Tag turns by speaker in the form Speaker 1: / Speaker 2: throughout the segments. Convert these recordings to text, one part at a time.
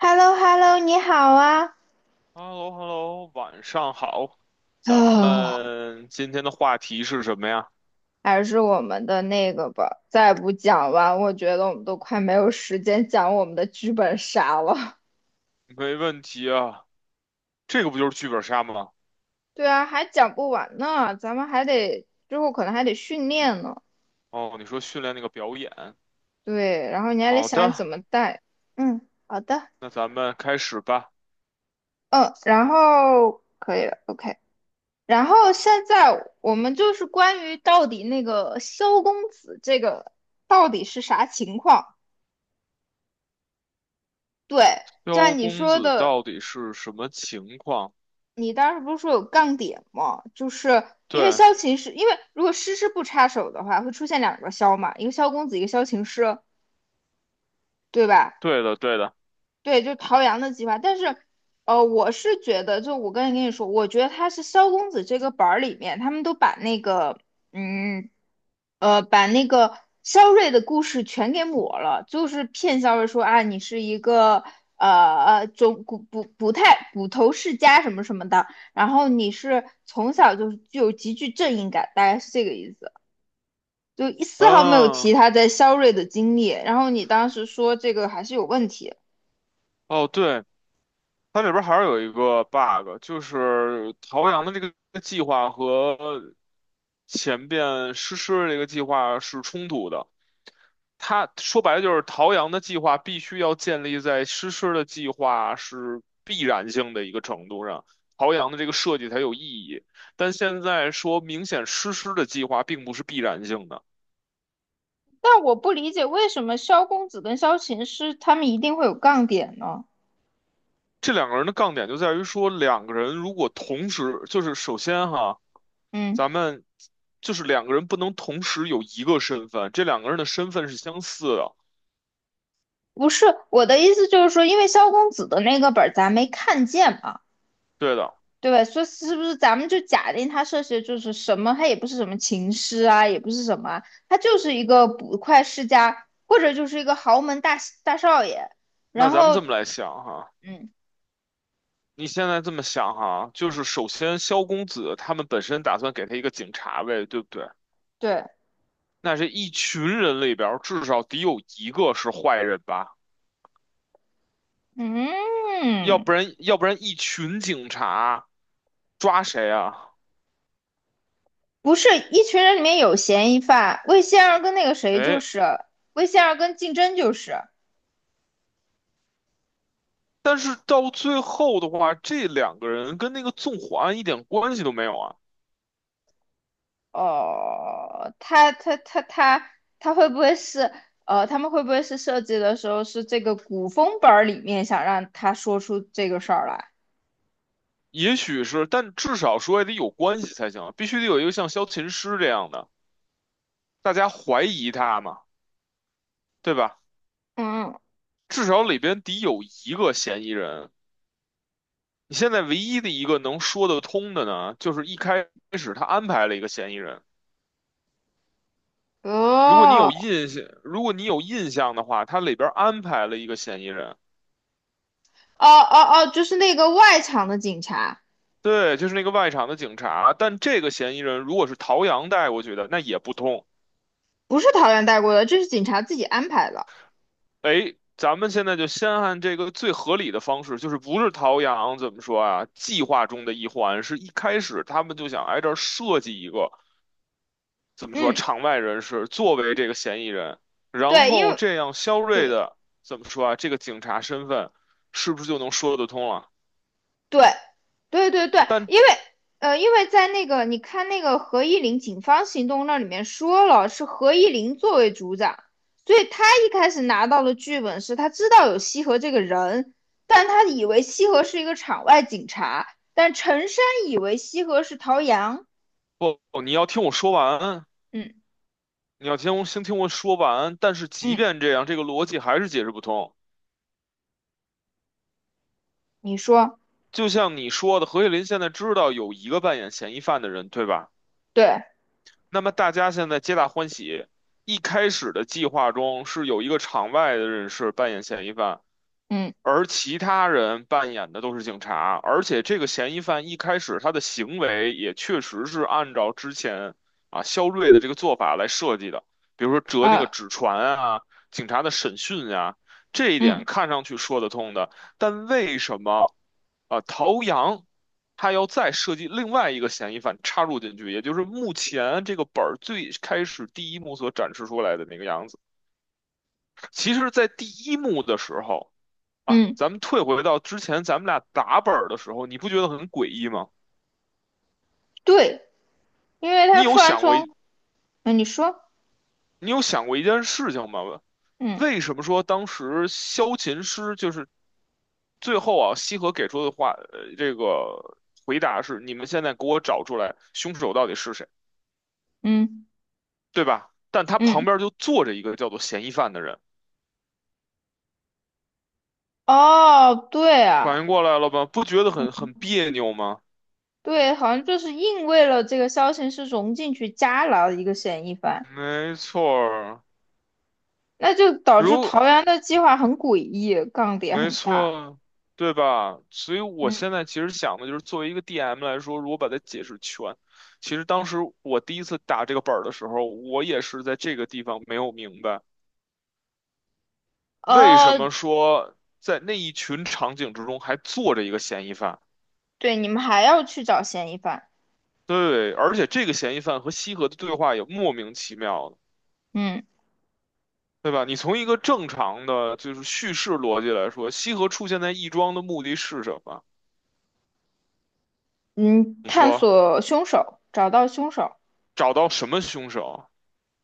Speaker 1: h e l l o h e l l o 你好啊！
Speaker 2: h e l l o h e l l o 晚上好。咱
Speaker 1: 啊，
Speaker 2: 们今天的话题是什么呀？
Speaker 1: 还是我们的那个吧，再不讲完，我觉得我们都快没有时间讲我们的剧本杀了。
Speaker 2: 没问题啊，这个不就是剧本杀吗？
Speaker 1: 对啊，还讲不完呢，咱们还得之后可能还得训练呢。
Speaker 2: 哦，你说训练那个表演。
Speaker 1: 对，然后你还得
Speaker 2: 好
Speaker 1: 想怎
Speaker 2: 的，
Speaker 1: 么带。嗯，好的。
Speaker 2: 那咱们开始吧。
Speaker 1: 嗯，然后可以了，OK。然后现在我们就是关于到底那个萧公子这个到底是啥情况？对，就
Speaker 2: 萧
Speaker 1: 像你
Speaker 2: 公
Speaker 1: 说
Speaker 2: 子
Speaker 1: 的。
Speaker 2: 到底是什么情况？
Speaker 1: 你当时不是说有杠点吗？就是因为
Speaker 2: 对，
Speaker 1: 萧琴师，因为如果诗诗不插手的话，会出现两个萧嘛，一个萧公子，一个萧琴师，对吧？
Speaker 2: 对的，对的。
Speaker 1: 对，就陶阳的计划。但是，我是觉得，就我刚才跟你说，我觉得他是萧公子这个本儿里面，他们都嗯，把那个萧睿的故事全给抹了，就是骗萧睿说啊，你是一个呃呃中捕捕捕太捕头世家什么什么的，然后你是从小就是具有极具正义感，大概是这个意思。就一丝毫没有提
Speaker 2: 嗯，
Speaker 1: 他在萧睿的经历，然后你当时说这个还是有问题。
Speaker 2: 哦，对，它里边还是有一个 bug，就是陶阳的这个计划和前边诗诗的这个计划是冲突的。他说白了就是陶阳的计划必须要建立在诗诗的计划是必然性的一个程度上，陶阳的这个设计才有意义。但现在说明显诗诗的计划并不是必然性的，
Speaker 1: 但我不理解为什么萧公子跟萧琴师他们一定会有杠点呢？
Speaker 2: 这两个人的杠点就在于说，两个人如果同时，就是首先哈，
Speaker 1: 嗯，
Speaker 2: 咱们就是两个人不能同时有一个身份，这两个人的身份是相似的，
Speaker 1: 不是，我的意思就是说，因为萧公子的那个本儿咱没看见嘛，
Speaker 2: 对的。
Speaker 1: 对吧？所以是不是咱们就假定他涉嫌就是什么？他也不是什么琴师啊，也不是什么啊，他就是一个捕快世家，或者就是一个豪门大少爷。
Speaker 2: 那
Speaker 1: 然
Speaker 2: 咱们
Speaker 1: 后，
Speaker 2: 这么来想哈。
Speaker 1: 嗯，
Speaker 2: 你现在这么想哈，就是首先萧公子他们本身打算给他一个警察位，对不对？
Speaker 1: 对，
Speaker 2: 那这一群人里边儿至少得有一个是坏人吧？要不
Speaker 1: 嗯，
Speaker 2: 然，要不然一群警察抓谁啊？
Speaker 1: 不是，一群人里面有嫌疑犯，魏仙儿跟那个谁就
Speaker 2: 哎，
Speaker 1: 是。魏仙儿跟竞争就是，
Speaker 2: 但是到最后的话，这两个人跟那个纵火案一点关系都没有啊。
Speaker 1: 哦，他会不会是他们会不会是设计的时候是这个古风本儿里面想让他说出这个事儿来？
Speaker 2: 也许是，但至少说也得有关系才行啊，必须得有一个像萧琴师这样的，大家怀疑他嘛，对吧？
Speaker 1: 嗯，
Speaker 2: 至少里边得有一个嫌疑人。你现在唯一的一个能说得通的呢，就是一开始他安排了一个嫌疑人。如果你有
Speaker 1: 哦
Speaker 2: 印象，如果你有印象的话，他里边安排了一个嫌疑人，
Speaker 1: 哦哦哦，就是那个外场的警察。
Speaker 2: 对，就是那个外场的警察。但这个嫌疑人如果是陶阳带过去的，那也不通。
Speaker 1: 不是桃园带过的，这是警察自己安排的。
Speaker 2: 哎，咱们现在就先按这个最合理的方式，就是不是陶阳怎么说啊？计划中的一环，是一开始他们就想挨这儿设计一个怎么说
Speaker 1: 嗯，
Speaker 2: 场外人士作为这个嫌疑人，然
Speaker 1: 对，
Speaker 2: 后这样肖瑞
Speaker 1: 对
Speaker 2: 的怎么说啊？这个警察身份是不是就能说得通了？
Speaker 1: 对，对对对，
Speaker 2: 但
Speaker 1: 因为因为在那个你看那个何依林警方行动那里面说了，是何依林作为组长，所以他一开始拿到的剧本是他知道有西河这个人，但他以为西河是一个场外警察，但陈山以为西河是陶阳。
Speaker 2: 不，你要听我说完，
Speaker 1: 嗯
Speaker 2: 你要听我先听我说完。但是即
Speaker 1: 嗯，
Speaker 2: 便这样，这个逻辑还是解释不通。
Speaker 1: 你说，
Speaker 2: 就像你说的，何叶林现在知道有一个扮演嫌疑犯的人，对吧？
Speaker 1: 对。
Speaker 2: 那么大家现在皆大欢喜。一开始的计划中是有一个场外的人士扮演嫌疑犯，
Speaker 1: 嗯
Speaker 2: 而其他人扮演的都是警察，而且这个嫌疑犯一开始他的行为也确实是按照之前啊肖瑞的这个做法来设计的，比如说折那个
Speaker 1: 呃
Speaker 2: 纸船啊，警察的审讯呀、这一点
Speaker 1: 嗯
Speaker 2: 看上去说得通的，但为什么啊陶阳他要再设计另外一个嫌疑犯插入进去，也就是目前这个本儿最开始第一幕所展示出来的那个样子？其实，在第一幕的时候。啊，
Speaker 1: 嗯，
Speaker 2: 咱们退回到之前咱们俩打本儿的时候，你不觉得很诡异吗？
Speaker 1: 对，因为
Speaker 2: 你
Speaker 1: 他
Speaker 2: 有
Speaker 1: 突然
Speaker 2: 想过
Speaker 1: 从。
Speaker 2: 一
Speaker 1: 嗯，你说。
Speaker 2: 你有想过一件事情吗？
Speaker 1: 嗯
Speaker 2: 为什么说当时萧琴师就是最后啊，西河给出的话，这个回答是你们现在给我找出来凶手到底是谁，
Speaker 1: 嗯
Speaker 2: 对吧？但他旁
Speaker 1: 嗯，
Speaker 2: 边就坐着一个叫做嫌疑犯的人，
Speaker 1: 哦对
Speaker 2: 反
Speaker 1: 啊。
Speaker 2: 应过来了吧？不觉得很别扭吗？
Speaker 1: 对，好像就是硬为了这个消息是融进去加了一个嫌疑犯，
Speaker 2: 没错儿
Speaker 1: 那就导致桃
Speaker 2: 如
Speaker 1: 园的计划很诡异，杠点
Speaker 2: 没
Speaker 1: 很大。
Speaker 2: 错，对吧？所以我
Speaker 1: 嗯，
Speaker 2: 现在其实想的就是，作为一个 DM 来说，如果把它解释全，其实当时我第一次打这个本儿的时候，我也是在这个地方没有明白，为什
Speaker 1: 哦，
Speaker 2: 么说在那一群场景之中还坐着一个嫌疑犯。
Speaker 1: 对，你们还要去找嫌疑犯。
Speaker 2: 对，而且这个嫌疑犯和西河的对话也莫名其妙的，
Speaker 1: 嗯
Speaker 2: 对吧？你从一个正常的就是叙事逻辑来说，西河出现在亦庄的目的是什么？
Speaker 1: 嗯，
Speaker 2: 你
Speaker 1: 探
Speaker 2: 说
Speaker 1: 索凶手，找到凶手，
Speaker 2: 找到什么凶手？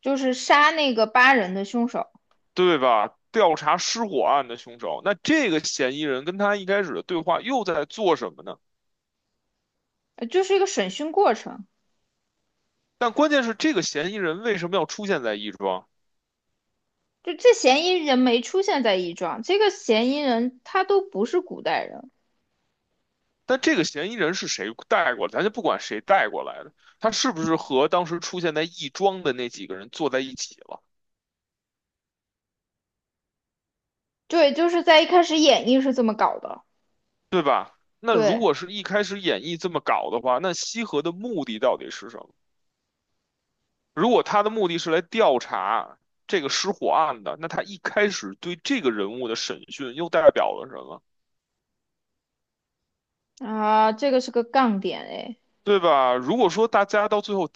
Speaker 1: 就是杀那个8人的凶手。
Speaker 2: 对吧？调查失火案的凶手，那这个嫌疑人跟他一开始的对话又在做什么呢？
Speaker 1: 就是一个审讯过程。
Speaker 2: 但关键是这个嫌疑人为什么要出现在亦庄？
Speaker 1: 就这嫌疑人没出现在一庄，这个嫌疑人他都不是古代人。
Speaker 2: 但这个嫌疑人是谁带过来？咱就不管谁带过来的，他是不是和当时出现在亦庄的那几个人坐在一起了？
Speaker 1: 对，就是在一开始演绎是这么搞的。
Speaker 2: 那如
Speaker 1: 对。
Speaker 2: 果是一开始演绎这么搞的话，那西河的目的到底是什么？如果他的目的是来调查这个失火案的，那他一开始对这个人物的审讯又代表了什么？
Speaker 1: 啊，这个是个杠点哎。
Speaker 2: 对吧？如果说大家到最后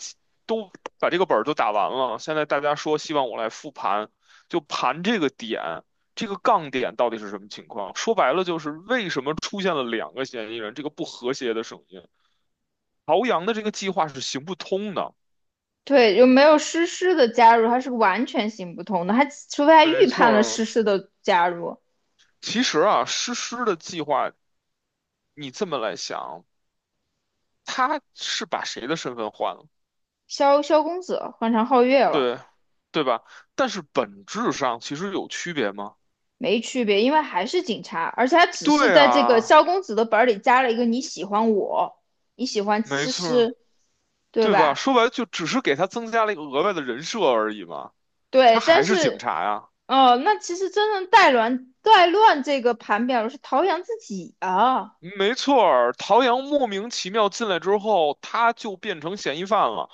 Speaker 2: 都把这个本儿都打完了，现在大家说希望我来复盘，就盘这个点，这个杠点到底是什么情况？说白了就是为什么出现了两个嫌疑人，这个不和谐的声音，朝阳的这个计划是行不通的。
Speaker 1: 对，有没有诗诗的加入，它是完全行不通的，他除非他
Speaker 2: 没
Speaker 1: 预
Speaker 2: 错
Speaker 1: 判了
Speaker 2: 儿，
Speaker 1: 诗诗的加入。
Speaker 2: 其实啊，诗诗的计划，你这么来想，他是把谁的身份换了？
Speaker 1: 萧公子换成皓月了。
Speaker 2: 对，对吧？但是本质上其实有区别吗？
Speaker 1: 没区别，因为还是警察，而且他只是
Speaker 2: 对
Speaker 1: 在这个
Speaker 2: 啊，
Speaker 1: 萧公子的本儿里加了一个你喜欢我，你喜欢
Speaker 2: 没
Speaker 1: 诗
Speaker 2: 错。
Speaker 1: 诗，对
Speaker 2: 对吧？
Speaker 1: 吧？
Speaker 2: 说白了就只是给他增加了一个额外的人设而已嘛，他
Speaker 1: 对，但
Speaker 2: 还是警
Speaker 1: 是
Speaker 2: 察呀。
Speaker 1: 哦，那其实真正带乱这个盘表的是陶阳自己啊。
Speaker 2: 没错儿，陶阳莫名其妙进来之后，他就变成嫌疑犯了，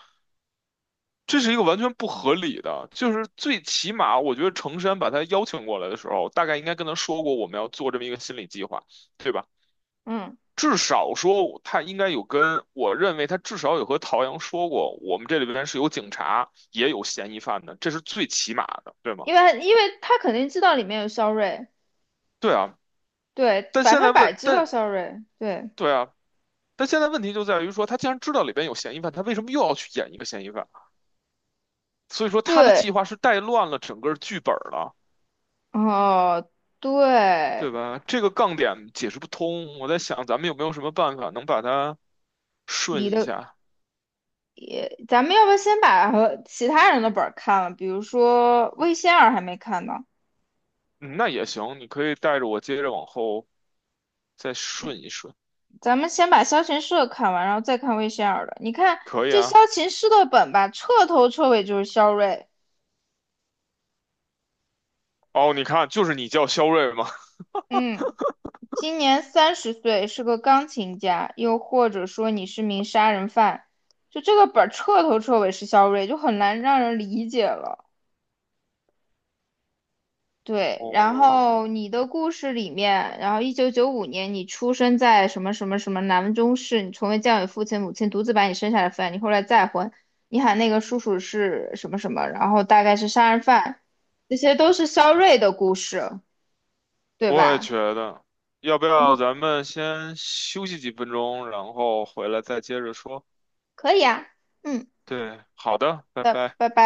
Speaker 2: 这是一个完全不合理的。就是最起码，我觉得程山把他邀请过来的时候，大概应该跟他说过我们要做这么一个心理计划，对吧？
Speaker 1: 嗯，
Speaker 2: 至少说他应该有跟，我认为他至少有和陶阳说过，我们这里边是有警察，也有嫌疑犯的，这是最起码的，对吗？
Speaker 1: 因为他肯定知道里面有肖睿。
Speaker 2: 对啊。
Speaker 1: 对，
Speaker 2: 但
Speaker 1: 百
Speaker 2: 现在
Speaker 1: 分百
Speaker 2: 问，
Speaker 1: 知道
Speaker 2: 但
Speaker 1: 对
Speaker 2: 对啊，但现在问题就在于说，他既然知道里边有嫌疑犯，他为什么又要去演一个嫌疑犯？所以说他的
Speaker 1: 对。
Speaker 2: 计划是带乱了整个剧本了，
Speaker 1: 哦，
Speaker 2: 对
Speaker 1: 对，
Speaker 2: 吧？这个杠点解释不通。我在想，咱们有没有什么办法能把它
Speaker 1: 你
Speaker 2: 顺一
Speaker 1: 的
Speaker 2: 下？
Speaker 1: 也，咱们要不要先把和其他人的本儿看了？比如说魏仙儿还没看呢。
Speaker 2: 嗯，那也行，你可以带着我接着往后再顺一顺，
Speaker 1: 咱们先把萧琴师的看完，然后再看魏仙儿的。你看
Speaker 2: 可以
Speaker 1: 这
Speaker 2: 啊。
Speaker 1: 萧琴师的本吧，彻头彻尾就是肖睿。
Speaker 2: 哦，你看，就是你叫肖瑞吗？
Speaker 1: 嗯，今年30岁，是个钢琴家，又或者说你是名杀人犯，就这个本儿彻头彻尾是肖睿，就很难让人理解了。对，然
Speaker 2: 哦，
Speaker 1: 后你的故事里面，然后1995年你出生在什么什么什么南中市，你从未教育父亲母亲独自把你生下来抚养，你后来再婚，你喊那个叔叔是什么什么，然后大概是杀人犯，这些都是肖瑞的故事，对
Speaker 2: 我也
Speaker 1: 吧？
Speaker 2: 觉得，要不
Speaker 1: 我
Speaker 2: 要
Speaker 1: 们
Speaker 2: 咱们先休息几分钟，然后回来再接着说？
Speaker 1: 可以啊。嗯，
Speaker 2: 对，好的，拜
Speaker 1: 拜
Speaker 2: 拜。
Speaker 1: 拜拜。